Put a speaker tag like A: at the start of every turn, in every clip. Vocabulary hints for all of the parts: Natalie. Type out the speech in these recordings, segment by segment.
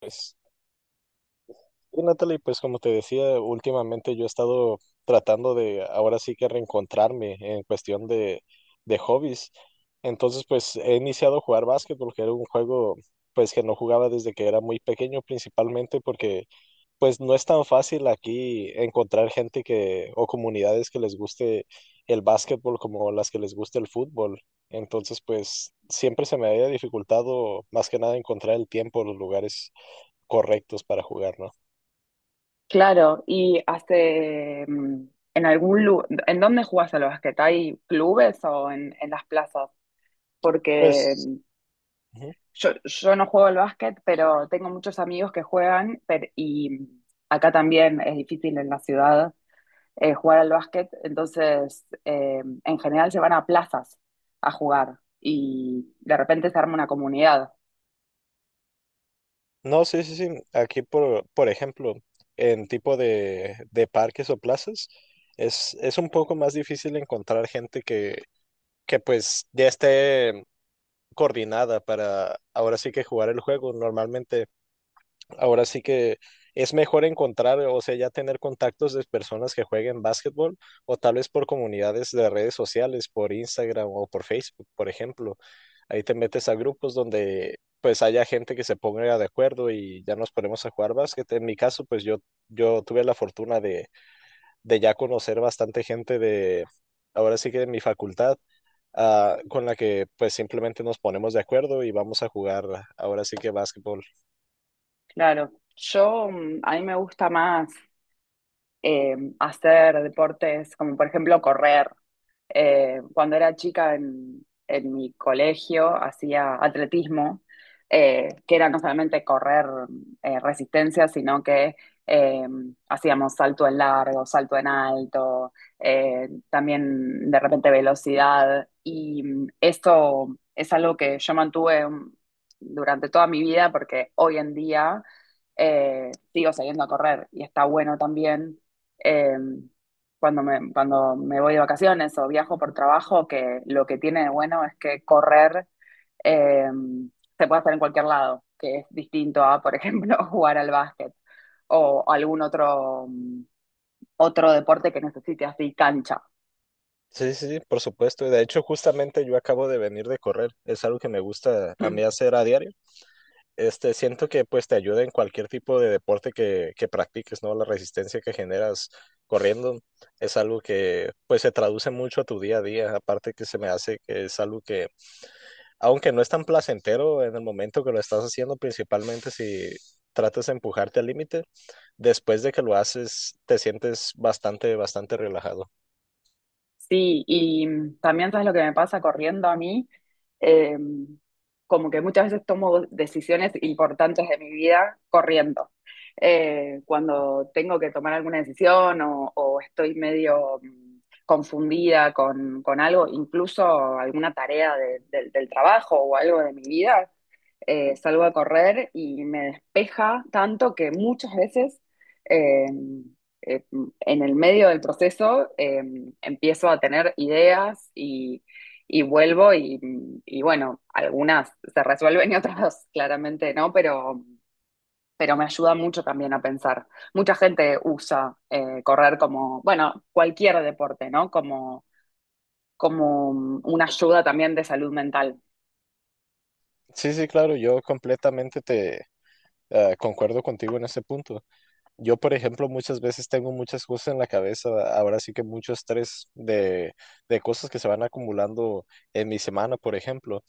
A: Pues, y Natalie, pues como te decía, últimamente yo he estado tratando de ahora sí que reencontrarme en cuestión de hobbies. Entonces, pues he iniciado a jugar básquetbol, que era un juego pues que no jugaba desde que era muy pequeño, principalmente porque pues no es tan fácil aquí encontrar gente que o comunidades que les guste el básquetbol como las que les guste el fútbol. Entonces, pues siempre se me había dificultado más que nada encontrar el tiempo, los lugares correctos para jugar, ¿no?
B: Claro, y hace ¿en dónde jugás al básquet? ¿Hay clubes o en las plazas? Porque
A: Pues, ujú.
B: yo no juego al básquet, pero tengo muchos amigos que acá también es difícil en la ciudad jugar al básquet, entonces en general se van a plazas a jugar y de repente se arma una comunidad.
A: No, sí, sí, sí. Aquí, por ejemplo, en tipo de parques o plazas, es un poco más difícil encontrar gente que pues ya esté coordinada para ahora sí que jugar el juego. Normalmente Ahora sí que es mejor encontrar, o sea, ya tener contactos de personas que jueguen básquetbol o tal vez por comunidades de redes sociales, por Instagram o por Facebook, por ejemplo. Ahí te metes a grupos donde pues haya gente que se ponga de acuerdo y ya nos ponemos a jugar básquet. En mi caso, yo tuve la fortuna de ya conocer bastante gente de, ahora sí que de mi facultad, con la que pues simplemente nos ponemos de acuerdo y vamos a jugar ahora sí que básquetbol.
B: Claro, yo a mí me gusta más hacer deportes como por ejemplo correr. Cuando era chica en mi colegio hacía atletismo, que era no solamente correr resistencia, sino que eh, hacíamos salto en largo, salto en alto, también de repente velocidad. Eso es algo que yo mantuve durante toda mi vida porque hoy en día sigo saliendo a correr y está bueno también. Eh, cuando me voy de vacaciones o viajo por trabajo, que lo que tiene de bueno es que correr eh, se puede hacer en cualquier lado, que es distinto a, por ejemplo, jugar al básquet o algún otro, otro deporte que necesite así cancha.
A: Sí, sí, sí, por supuesto. De hecho, justamente yo acabo de venir de correr. Es algo que me gusta a mí hacer a diario. Siento que pues te ayuda en cualquier tipo de deporte que practiques, ¿no? La resistencia que generas corriendo es algo que pues se traduce mucho a tu día a día. Aparte que se me hace que es algo que, aunque no es tan placentero en el momento que lo estás haciendo, principalmente si tratas de empujarte al límite, después de que lo haces te sientes bastante, bastante relajado.
B: Sí, y también sabes lo que me pasa corriendo a mí. Eh, como que muchas veces tomo decisiones importantes de mi vida corriendo. Cuando tengo que tomar alguna decisión o estoy medio confundida con algo, incluso alguna tarea del trabajo o algo de mi vida, salgo a correr y me despeja tanto que muchas veces eh, eh, en el medio del proceso empiezo a tener ideas y vuelvo y, bueno, algunas se resuelven y otras claramente no, pero me ayuda mucho también a pensar. Mucha gente usa correr como, bueno, cualquier deporte, ¿no? Como, como una ayuda también de salud mental.
A: Sí, sí, claro, yo completamente te concuerdo contigo en ese punto. Yo, por ejemplo, muchas veces tengo muchas cosas en la cabeza, ahora sí que mucho estrés de cosas que se van acumulando en mi semana, por ejemplo.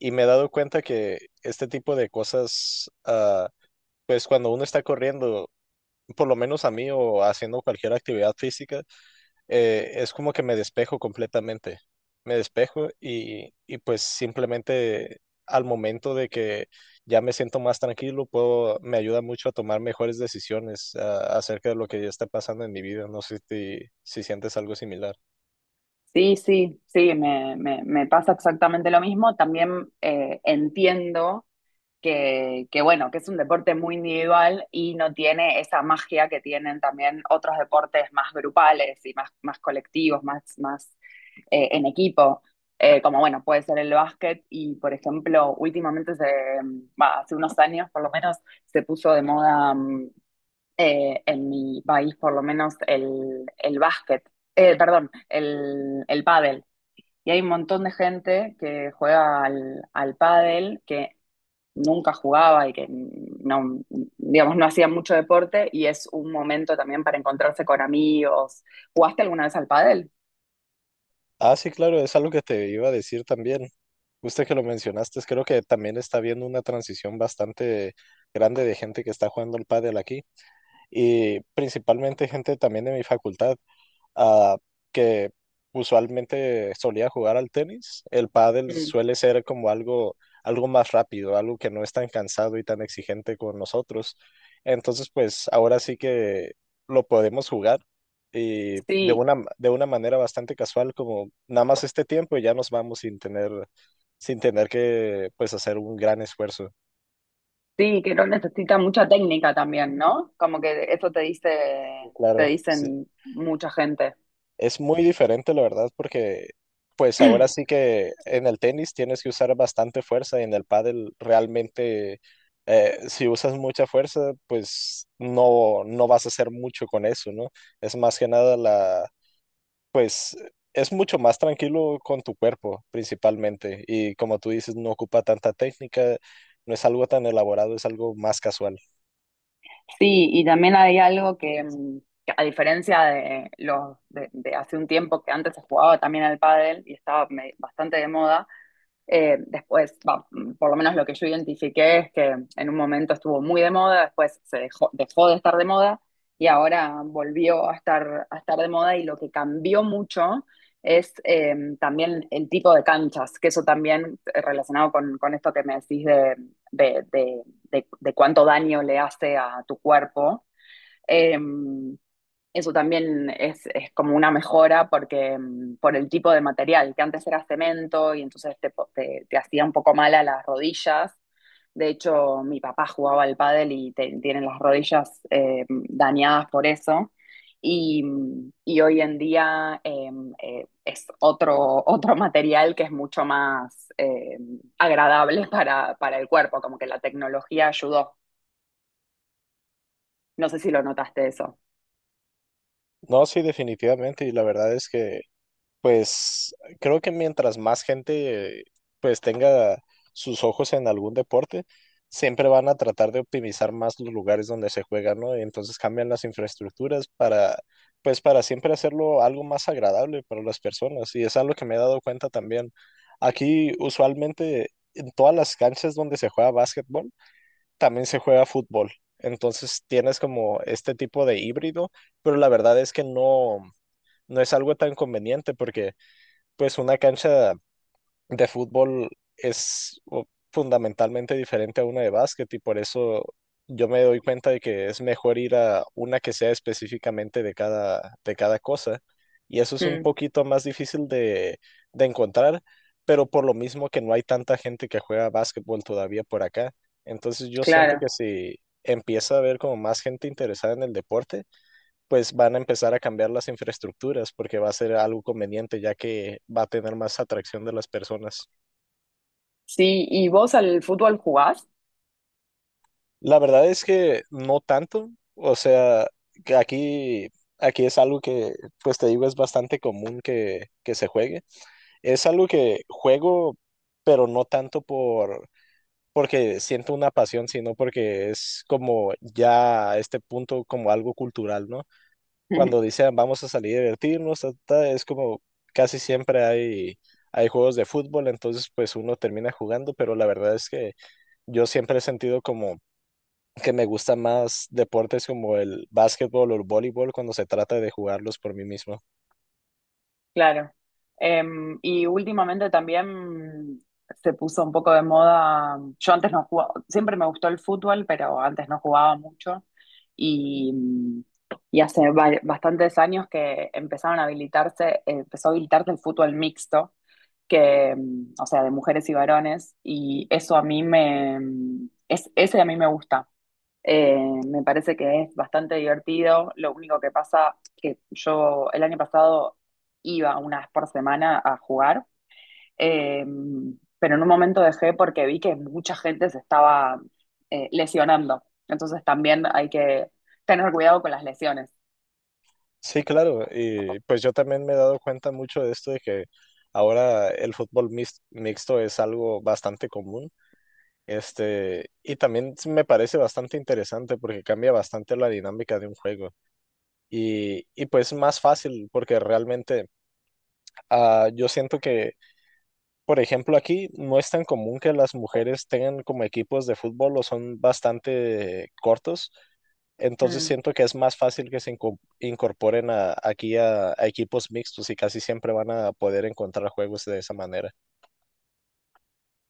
A: Y me he dado cuenta que este tipo de cosas, pues cuando uno está corriendo, por lo menos a mí o haciendo cualquier actividad física, es como que me despejo completamente. Me despejo, y pues simplemente al momento de que ya me siento más tranquilo, puedo, me ayuda mucho a tomar mejores decisiones acerca de lo que ya está pasando en mi vida. No sé si sientes algo similar.
B: Sí, sí, sí, me pasa exactamente lo mismo. También entiendo bueno, que es un deporte muy individual y no tiene esa magia que tienen también otros deportes más grupales y más colectivos, más en equipo. Como bueno, puede ser el básquet y por ejemplo, últimamente, bah, hace unos años por lo menos, se puso de moda en mi país por lo menos el básquet, perdón, el pádel. Y hay un montón de gente que juega al pádel que nunca jugaba y que no, digamos, no hacía mucho deporte y es un momento también para encontrarse con amigos. ¿Jugaste alguna vez al pádel?
A: Ah, sí, claro, es algo que te iba a decir también. Justo que lo mencionaste, creo que también está habiendo una transición bastante grande de gente que está jugando al pádel aquí y principalmente gente también de mi facultad, ah, que usualmente solía jugar al tenis. El pádel
B: Mm.
A: suele ser como algo más rápido, algo que no es tan cansado y tan exigente con nosotros. Entonces, pues ahora sí que lo podemos jugar y de
B: Sí,
A: de una manera bastante casual, como nada más este tiempo y ya nos vamos sin tener, sin tener que pues hacer un gran esfuerzo.
B: sí, que no necesita mucha técnica también, ¿no? Como que eso te dice, te
A: Claro, sí.
B: dicen mucha gente.
A: Es muy diferente, la verdad, porque pues ahora sí que en el tenis tienes que usar bastante fuerza y en el pádel realmente si usas mucha fuerza, pues no, no vas a hacer mucho con eso, ¿no? Es más que nada pues es mucho más tranquilo con tu cuerpo principalmente y como tú dices, no ocupa tanta técnica, no es algo tan elaborado, es algo más casual.
B: Sí, y también hay algo que, que a diferencia de los de hace un tiempo que antes se jugaba también al pádel y estaba bastante de moda. Después, va, por lo menos lo que yo identifiqué es que en un momento estuvo muy de moda, después se dejó, dejó de estar de moda y ahora volvió a a estar de moda y lo que cambió mucho es también el tipo de canchas, que eso también relacionado con esto que me decís de, de, de cuánto daño le hace a tu cuerpo. Eh, eso también es como una mejora porque por el tipo de material, que antes era cemento y entonces te hacía un poco mal a las rodillas. De hecho, mi papá jugaba al pádel y tiene las rodillas dañadas por eso. Y hoy en día eh, es otro, otro material que es mucho más agradable para el cuerpo, como que la tecnología ayudó. No sé si lo notaste eso.
A: No, sí, definitivamente. Y la verdad es que pues creo que mientras más gente pues tenga sus ojos en algún deporte, siempre van a tratar de optimizar más los lugares donde se juega, ¿no? Entonces cambian las infraestructuras para pues para siempre hacerlo algo más agradable para las personas, y es algo que me he dado cuenta también. Aquí usualmente en todas las canchas donde se juega básquetbol, también se juega fútbol. Entonces tienes como este tipo de híbrido, pero la verdad es que no es algo tan conveniente porque pues una cancha de fútbol es fundamentalmente diferente a una de básquet, y por eso yo me doy cuenta de que es mejor ir a una que sea específicamente de de cada cosa. Y eso es un
B: Mm,
A: poquito más difícil de encontrar, pero por lo mismo que no hay tanta gente que juega básquetbol todavía por acá. Entonces yo siento
B: claro.
A: que si empieza a haber como más gente interesada en el deporte, pues van a empezar a cambiar las infraestructuras porque va a ser algo conveniente ya que va a tener más atracción de las personas.
B: Sí, ¿y vos al fútbol jugás?
A: La verdad es que no tanto, o sea, que aquí, aquí es algo que, pues te digo, es bastante común que se juegue. Es algo que juego, pero no tanto porque siento una pasión, sino porque es como ya a este punto como algo cultural, ¿no? Cuando dicen vamos a salir a divertirnos, ta, ta, es como casi siempre hay, hay juegos de fútbol, entonces pues uno termina jugando, pero la verdad es que yo siempre he sentido como que me gusta más deportes como el básquetbol o el voleibol cuando se trata de jugarlos por mí mismo.
B: Claro. Em, y últimamente también se puso un poco de moda. Yo antes no jugaba, siempre me gustó el fútbol, pero antes no jugaba mucho. Y, y hace bastantes años que empezaron a habilitarse, empezó a habilitarse el fútbol mixto, que, em, o sea, de mujeres y varones. Y eso es, ese a mí me gusta. Eh, me parece que es bastante divertido. Lo único que pasa que yo el año pasado iba una vez por semana a jugar, eh, pero en un momento dejé porque vi que mucha gente se estaba lesionando. Entonces también hay que tener cuidado con las lesiones.
A: Sí, claro, y pues yo también me he dado cuenta mucho de esto de que ahora el fútbol mixto es algo bastante común. Y también me parece bastante interesante porque cambia bastante la dinámica de un juego. Y pues más fácil, porque realmente yo siento por ejemplo, aquí no es tan común que las mujeres tengan como equipos de fútbol o son bastante cortos. Entonces
B: Mm.
A: siento que es más fácil que se incorporen aquí a equipos mixtos, y casi siempre van a poder encontrar juegos de esa manera.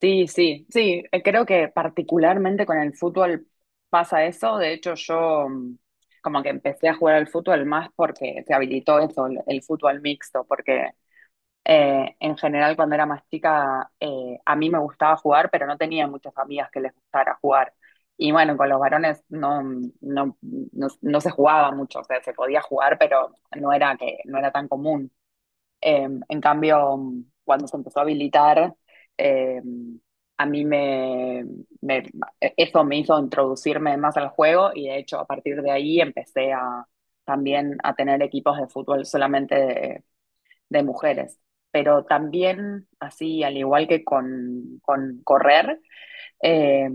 B: Sí, sí, sí. Creo que particularmente con el fútbol pasa eso. De hecho, yo como que empecé a jugar al fútbol más porque se habilitó eso, el fútbol mixto, porque en general, cuando era más chica, a mí me gustaba jugar, pero no tenía muchas amigas que les gustara jugar. Y bueno, con los varones no se jugaba mucho, o sea, se podía jugar, pero no era no era tan común. En cambio, cuando se empezó a habilitar, eh, a mí me, me- eso me hizo introducirme más al juego y de hecho a partir de ahí empecé a también a tener equipos de fútbol solamente de mujeres. Pero también, así, al igual que con correr, eh,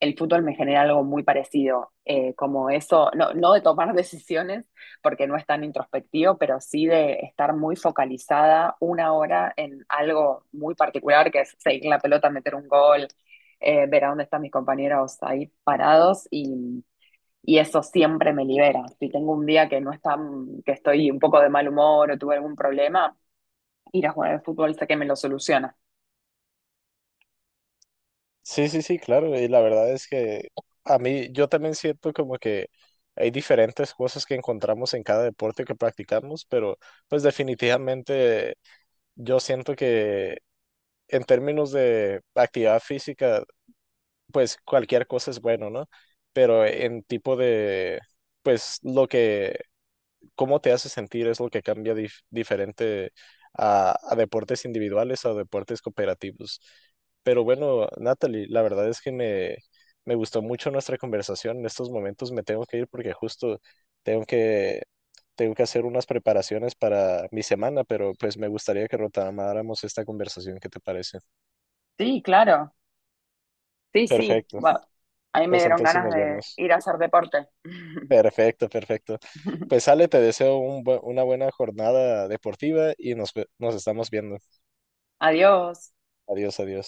B: el fútbol me genera algo muy parecido, como eso, no, no de tomar decisiones, porque no es tan introspectivo, pero sí de estar muy focalizada una hora en algo muy particular, que es seguir la pelota, meter un gol, ver a dónde están mis compañeros ahí parados y eso siempre me libera. Si tengo un día que no está, que estoy un poco de mal humor o tuve algún problema, ir a jugar al fútbol hasta que me lo soluciona.
A: Sí, sí, sí, claro. Y la verdad es que a mí, yo también siento como que hay diferentes cosas que encontramos en cada deporte que practicamos, pero pues definitivamente yo siento que en términos de actividad física, pues cualquier cosa es bueno, ¿no? Pero en tipo de, pues lo que cómo te hace sentir es lo que cambia diferente a deportes individuales o deportes cooperativos. Pero bueno, Natalie, la verdad es que me gustó mucho nuestra conversación. En estos momentos me tengo que ir porque justo tengo que, tengo que hacer unas preparaciones para mi semana, pero pues me gustaría que retomáramos esta conversación. ¿Qué te parece?
B: Sí, claro. Sí, sí.
A: Perfecto.
B: Bueno, ahí me
A: Pues
B: dieron
A: entonces
B: ganas
A: nos
B: de
A: vemos.
B: ir a hacer deporte.
A: Perfecto, perfecto. Pues Ale, te deseo una buena jornada deportiva y nos estamos viendo.
B: Adiós.
A: Adiós, adiós.